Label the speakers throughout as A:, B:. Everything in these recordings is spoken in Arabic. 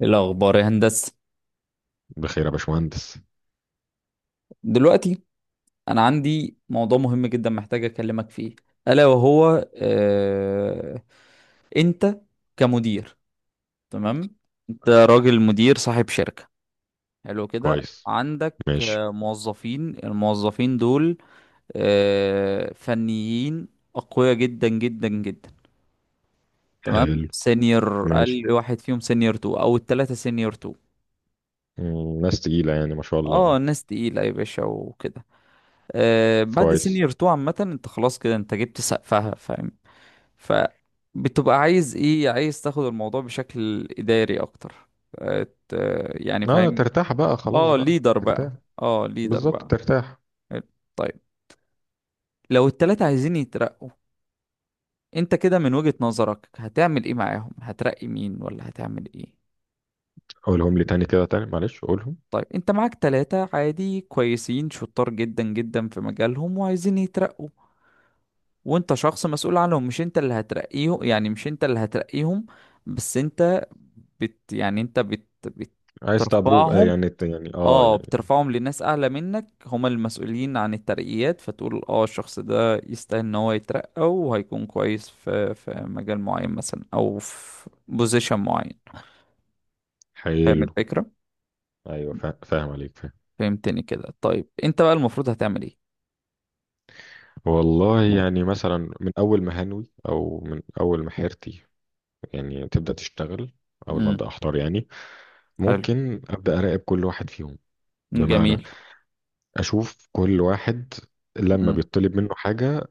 A: إيه الأخبار يا هندسة؟
B: بخير يا باشمهندس.
A: دلوقتي أنا عندي موضوع مهم جدا محتاج أكلمك فيه، ألا وهو آه... أنت كمدير. تمام، أنت راجل مدير صاحب شركة. حلو كده،
B: كويس.
A: عندك
B: ماشي.
A: الموظفين دول فنيين أقوياء جدا جدا جدا. تمام،
B: حلو.
A: سينيور.
B: ماشي.
A: أقل واحد فيهم سينيور تو أو التلاتة سينيور تو.
B: مم، ناس تقيلة يعني ما شاء الله.
A: اه ناس تقيلة يا باشا وكده. بعد
B: كويس.
A: سينيور 2 عامة انت خلاص، كده انت جبت سقفها. فاهم؟ فبتبقى عايز ايه؟ عايز تاخد الموضوع بشكل اداري اكتر. آه، ت- يعني
B: اه،
A: فاهم.
B: ترتاح بقى خلاص
A: اه
B: بقى
A: ليدر
B: ترتاح
A: بقى، اه ليدر
B: بالظبط
A: بقى.
B: ترتاح.
A: حلو. طيب، لو التلاتة عايزين يترقوا، انت كده من وجهة نظرك هتعمل ايه معاهم؟ هترقي مين ولا هتعمل ايه؟
B: قولهم لي تاني كده تاني، معلش قولهم.
A: طيب انت معاك تلاتة عادي كويسين شطار جدا جدا في مجالهم وعايزين يترقوا، وانت شخص مسؤول عنهم. مش انت اللي هترقيهم، يعني مش انت اللي هترقيهم، بس انت بت يعني انت بت
B: عايز تبروف
A: بترفعهم.
B: يعني
A: اه بترفعهم لناس اعلى منك، هما المسؤولين عن الترقيات، فتقول اه الشخص ده يستاهل ان هو يترقى وهيكون كويس في مجال معين مثلا او في بوزيشن معين. فاهم
B: حلو.
A: الفكرة؟
B: ايوه فاهم عليك، فاهم.
A: فهمتني كده؟ طيب انت بقى المفروض هتعمل ايه؟
B: والله يعني مثلا من اول ما هنوي او من اول ما حيرتي يعني تبدا تشتغل، اول ما
A: امم
B: ابدا احضر يعني
A: حلو.
B: ممكن ابدا اراقب كل واحد فيهم. بمعنى
A: جميل.
B: اشوف كل واحد لما
A: امم
B: بيطلب منه حاجة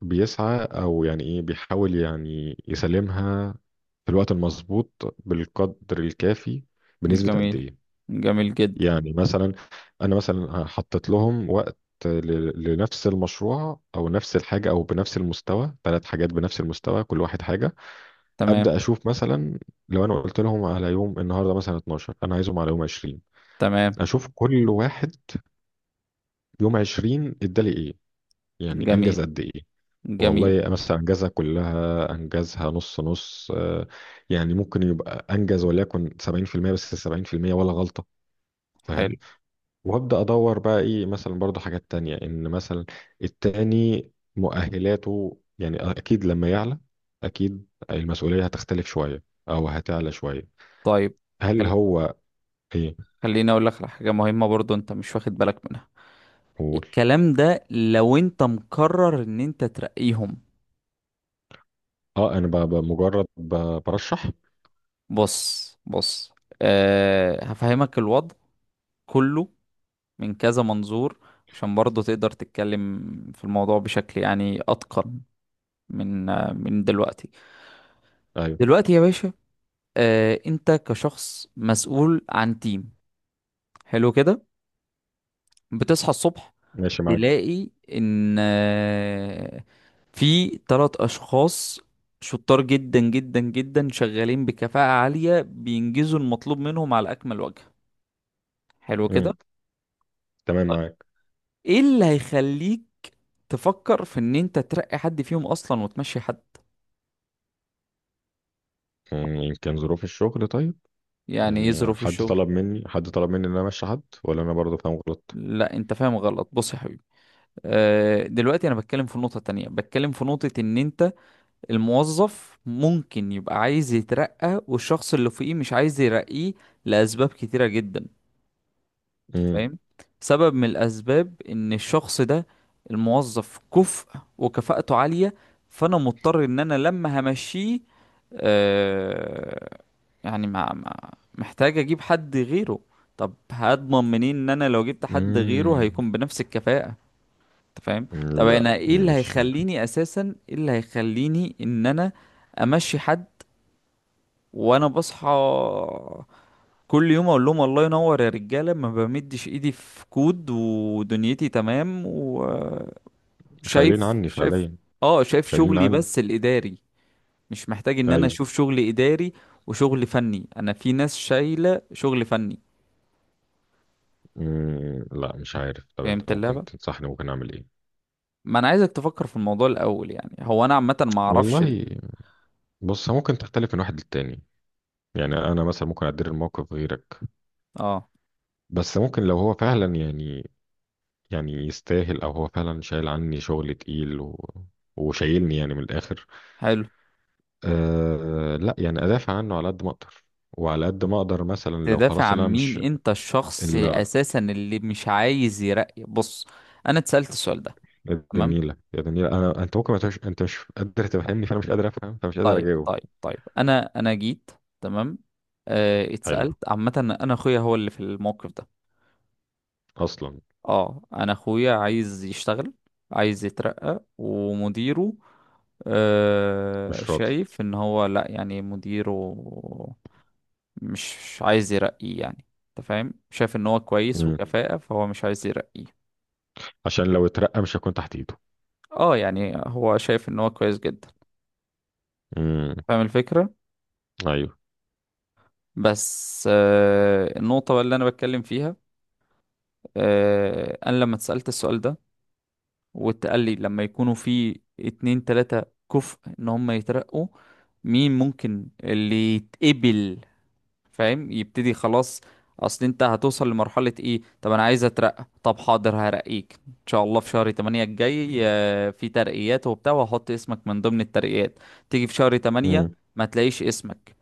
B: بيسعى او يعني ايه، بيحاول يعني يسلمها في الوقت المظبوط بالقدر الكافي، بنسبة قد
A: جميل،
B: ايه.
A: جميل جدا.
B: يعني مثلا انا مثلا حطيت لهم وقت لنفس المشروع او نفس الحاجة او بنفس المستوى، ثلاث حاجات بنفس المستوى، كل واحد حاجة.
A: تمام.
B: ابدا اشوف مثلا لو انا قلت لهم على يوم النهارده مثلا 12، انا عايزهم على يوم 20.
A: تمام.
B: اشوف كل واحد يوم 20 ادالي ايه، يعني انجز
A: جميل.
B: قد ايه.
A: جميل.
B: والله مثلا أنجزها كلها، أنجزها نص نص، يعني ممكن يبقى أنجز وليكن 70%، بس 70% ولا غلطة.
A: حلو.
B: فاهم. وأبدأ أدور بقى إيه مثلا برضو، حاجات تانية إن مثلا التاني مؤهلاته يعني أكيد لما يعلى أكيد المسؤولية هتختلف شوية أو هتعلى شوية.
A: طيب
B: هل
A: خل...
B: هو إيه؟
A: خليني اقول لك على حاجه مهمه برضو انت مش واخد بالك منها.
B: قول.
A: الكلام ده لو انت مقرر ان انت ترقيهم.
B: أه أنا مجرد برشح.
A: بص بص، أه هفهمك الوضع كله من كذا منظور، عشان برضو تقدر تتكلم في الموضوع بشكل يعني اتقن. من من دلوقتي.
B: أيوه.
A: دلوقتي يا باشا، أه انت كشخص مسؤول عن تيم، حلو كده، بتصحى الصبح
B: ماشي معاك.
A: تلاقي ان في ثلاث اشخاص شطار جدا جدا جدا شغالين بكفاءة عالية بينجزوا المطلوب منهم على اكمل وجه. حلو كده.
B: مم. تمام معاك.
A: ايه اللي هيخليك تفكر في ان انت ترقي حد فيهم اصلا وتمشي حد؟
B: مم، يمكن ظروف الشغل. طيب
A: يعني ايه
B: يعني
A: ظروف الشغل؟
B: حد طلب مني ان انا امشي حد، ولا انا برضه فاهم غلط؟
A: لا انت فاهم غلط. بص يا حبيبي، دلوقتي انا بتكلم في نقطة تانية. بتكلم في نقطة ان انت الموظف ممكن يبقى عايز يترقى والشخص اللي فوقيه مش عايز يرقيه لأسباب كتيرة جدا.
B: امم.
A: فاهم؟ سبب من الاسباب ان الشخص ده، الموظف، كفء وكفاءته عالية، فانا مضطر ان انا لما همشيه، آه يعني ما ما محتاج اجيب حد غيره. طب هضمن منين ان انا لو جبت حد غيره
B: امم.
A: هيكون بنفس الكفاءة؟ انت فاهم؟ طب
B: لا
A: انا ايه اللي
B: مش عارف.
A: هيخليني اساسا، ايه اللي هيخليني ان انا امشي حد؟ وانا بصحى كل يوم اقول لهم الله ينور يا رجاله، ما بمدش ايدي في كود، ودنيتي تمام وشايف.
B: شايلين
A: شايف
B: عني فعليا.
A: اه، شايف
B: شايلين
A: شغلي
B: عني.
A: بس الاداري، مش محتاج ان انا
B: ايوه.
A: اشوف شغل اداري وشغل فني. انا في ناس شايله شغل فني.
B: امم، لا مش عارف. طب انت
A: فهمت
B: ممكن
A: اللعبه؟
B: تنصحني ممكن اعمل ايه؟
A: ما انا عايزك تفكر في الموضوع الاول. يعني هو انا عامه ما اعرفش
B: والله بص، ممكن تختلف من واحد للتاني. يعني انا مثلا ممكن ادير الموقف غيرك،
A: اه.
B: بس ممكن لو هو فعلا يعني يعني يستاهل، او هو فعلا شايل عني شغل تقيل و... وشايلني يعني من الاخر،
A: حلو.
B: أه لا يعني ادافع عنه على قد ما اقدر. وعلى قد ما اقدر مثلا لو
A: تدافع
B: خلاص اللي
A: عن
B: انا
A: مين؟
B: مش
A: انت الشخص
B: الا.
A: اساسا اللي مش عايز يرقي. بص، انا اتسالت السؤال ده.
B: يا
A: تمام.
B: دنيله يا دنيله، انا انت ممكن ما تبقاش، انت مش قادر تفهمني فانا مش قادر افهم فمش قادر
A: طيب
B: اجاوب.
A: طيب طيب، انا جيت. تمام،
B: حلو.
A: اتسألت عامة. انا اخويا هو اللي في الموقف ده.
B: اصلا.
A: اه انا اخويا عايز يشتغل، عايز يترقى، ومديره
B: مش راضي.
A: شايف ان هو، لا يعني مديره، مش عايز يرقيه. يعني انت فاهم، شايف ان هو كويس
B: مم.
A: وكفاءة، فهو مش عايز يرقيه.
B: عشان لو اترقى مش هكون تحت ايده.
A: اه يعني هو شايف ان هو كويس جدا.
B: مم.
A: فاهم الفكرة؟
B: ايوه.
A: بس النقطة بقى اللي انا بتكلم فيها، انا لما اتسألت السؤال ده واتقال لي لما يكونوا في اتنين تلاتة كفء ان هم يترقوا، مين ممكن اللي يتقبل؟ فاهم؟ يبتدي خلاص. اصل انت هتوصل لمرحلة ايه؟ طب انا عايز اترقى. طب حاضر، هرقيك ان شاء الله في شهر 8 الجاي، في ترقيات وبتاع، وهحط اسمك من ضمن الترقيات. تيجي في شهر 8
B: مم.
A: ما تلاقيش اسمك.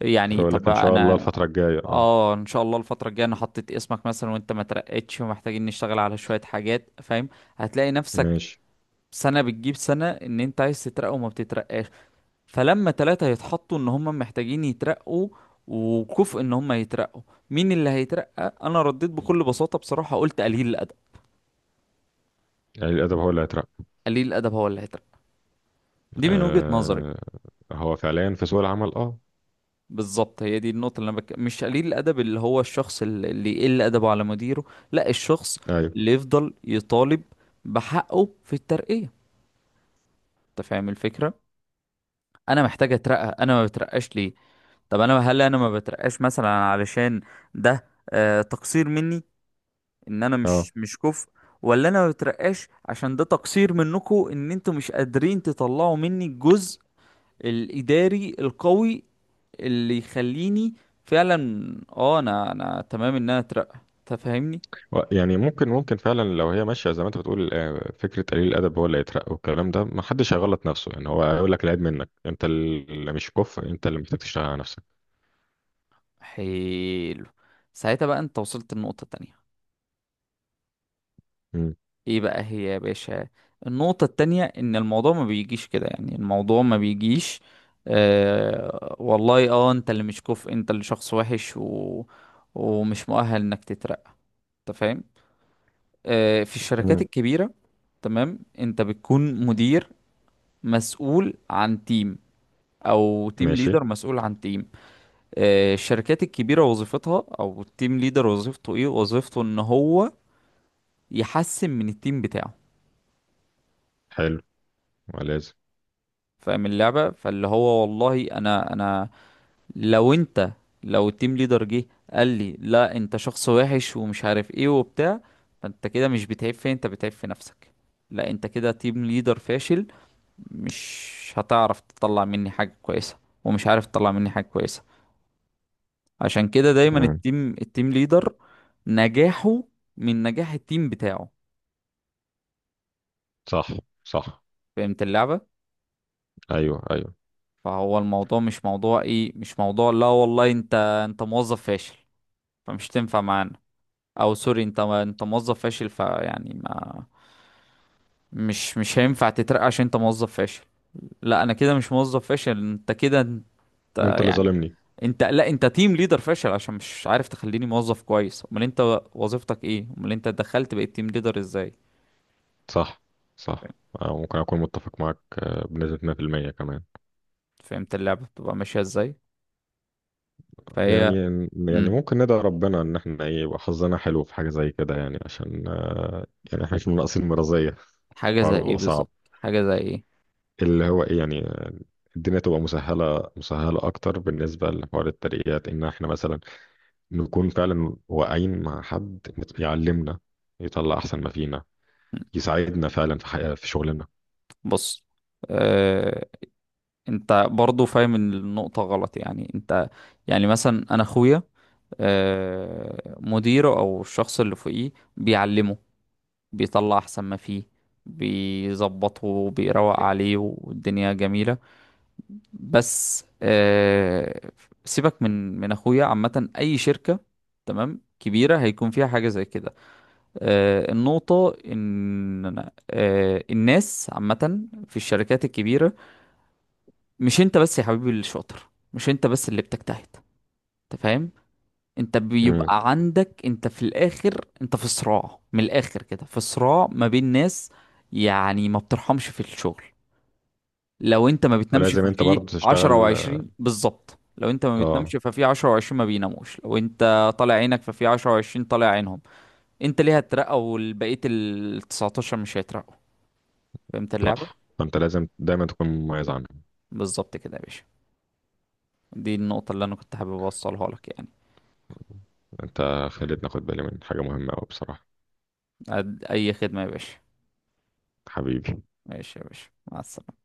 A: يعني
B: فاقول
A: طب
B: لك ان شاء الله
A: انا،
B: الفتره الجايه اه.
A: اه ان شاء الله الفترة الجاية انا حطيت اسمك مثلا وانت ما ترقتش ومحتاجين نشتغل على شوية حاجات. فاهم؟ هتلاقي نفسك
B: ماشي.
A: سنة بتجيب سنة ان انت عايز تترقى وما بتترقاش. فلما تلاتة يتحطوا ان هم محتاجين يترقوا وكفء ان هم يترقوا، مين اللي هيترقى؟ انا رديت بكل بساطة، بصراحة، قلت قليل الادب.
B: قليل الادب هو اللي هيترقى.
A: قليل الادب هو اللي هيترقى. دي من وجهة نظري.
B: أه، هو فعليا في سوق العمل اه.
A: بالظبط، هي دي النقطة اللي مش قليل الأدب اللي هو الشخص اللي يقل أدبه على مديره. لا، الشخص
B: ايوه.
A: اللي يفضل يطالب بحقه في الترقية. أنت فاهم الفكرة؟ أنا محتاج أترقى، أنا ما بترقاش ليه؟ طب أنا هل أنا ما بترقاش مثلا علشان ده تقصير مني، إن أنا
B: اه.
A: مش كفء؟ ولا أنا ما بترقاش عشان ده تقصير منكم، إن أنتوا مش قادرين تطلعوا مني الجزء الإداري القوي اللي يخليني فعلا، اه انا، انا تمام ان انا اترقى؟ تفهمني؟
B: يعني ممكن فعلا لو هي ماشيه زي ما انت بتقول فكره قليل الادب هو اللي هيترقى، والكلام ده ما حدش هيغلط نفسه. يعني هو هيقول لك العيب منك، انت اللي مش كفء، انت اللي محتاج تشتغل على نفسك.
A: حلو. ساعتها بقى انت وصلت النقطة التانية.
B: مم.
A: ايه بقى هي يا باشا؟ النقطة التانية ان الموضوع ما بيجيش كده. يعني الموضوع ما بيجيش والله اه انت اللي مش كفء، انت اللي شخص وحش ومش مؤهل انك تترقى. انت فاهم؟ في الشركات
B: مم.
A: الكبيرة، تمام، انت بتكون مدير مسؤول عن تيم، او تيم
B: ماشي.
A: ليدر مسؤول عن تيم. الشركات الكبيرة وظيفتها، أو التيم ليدر وظيفته إيه؟ وظيفته إن هو يحسن من التيم بتاعه.
B: حلو. ولازم.
A: فاهم اللعبة؟ فاللي هو والله، أنا أنا، لو أنت، لو التيم ليدر جه قال لي لا أنت شخص وحش ومش عارف إيه وبتاع، فأنت كده مش بتعيب فين؟ أنت بتعيب في نفسك. لا أنت كده تيم ليدر فاشل، مش هتعرف تطلع مني حاجة كويسة. ومش عارف تطلع مني حاجة كويسة. عشان كده دايما
B: مم.
A: التيم، التيم ليدر نجاحه من نجاح التيم بتاعه.
B: صح. صح.
A: فهمت اللعبة؟
B: ايوه ايوه.
A: فهو الموضوع مش موضوع ايه، مش موضوع لا والله انت، انت موظف فاشل فمش تنفع معانا، او سوري انت، انت موظف فاشل فيعني ما مش هينفع تترقى عشان انت موظف فاشل. لا انا كده مش موظف فاشل، انت كده انت
B: انت اللي
A: يعني،
B: ظالمني.
A: انت لا انت تيم ليدر فاشل عشان مش عارف تخليني موظف كويس. امال انت وظيفتك ايه؟ امال انت دخلت بقيت تيم ليدر ازاي؟
B: صح. صح.
A: فهمت؟
B: أو ممكن اكون متفق معاك بنسبه 100% كمان.
A: فهمت اللعبة بتبقى ماشية ازاي؟ فهي.
B: يعني يعني
A: مم.
B: ممكن ندعي ربنا ان احنا ايه يبقى حظنا حلو في حاجه زي كده، يعني عشان يعني احنا مش ناقصين مرضيه،
A: حاجة زي
B: الحوار
A: ايه
B: بيبقى صعب.
A: بالظبط؟ حاجة زي ايه؟
B: اللي هو ايه يعني الدنيا تبقى مسهلة، مسهلة أكتر بالنسبة لحوار الترقيات، إن إحنا مثلا نكون فعلا واقعين مع حد يعلمنا، يطلع أحسن ما فينا، يساعدنا فعلا في حياة في شغلنا.
A: بص، آه، انت برضو فاهم إن النقطة غلط. يعني انت، يعني مثلا انا اخويا، مديره او الشخص اللي فوقيه بيعلمه، بيطلع احسن ما فيه، بيظبطه، بيروق عليه، والدنيا جميلة. بس سيبك من اخويا. عامة اي شركة، تمام، كبيرة هيكون فيها حاجة زي كده. النقطة ان الناس عامة في الشركات الكبيرة، مش انت بس يا حبيبي اللي شاطر، مش انت بس اللي بتجتهد. انت فاهم؟ انت
B: مم.
A: بيبقى عندك، انت في الاخر، انت في صراع، من الاخر كده في صراع ما بين ناس. يعني ما بترحمش في الشغل. لو انت ما بتنامش
B: فلازم أنت برضه
A: ففي عشرة
B: تشتغل.
A: وعشرين بالظبط لو انت ما
B: آه.
A: بتنامش ففي عشرة وعشرين ما بيناموش. لو انت طالع عينك ففي عشرة وعشرين طالع عينهم. انت ليه هترقى والبقية ال 19 مش هيترقوا؟ فهمت اللعبة؟
B: صح، فأنت لازم دايما تكون مميز عنهم.
A: بالظبط كده يا باشا، دي النقطة اللي انا كنت حابب اوصلها لك، يعني
B: أنت خليتني أخد بالي من حاجة مهمة أوي بصراحة.
A: اي خدمة يا باشا.
B: حبيبي.
A: ماشي يا باشا، مع السلامة.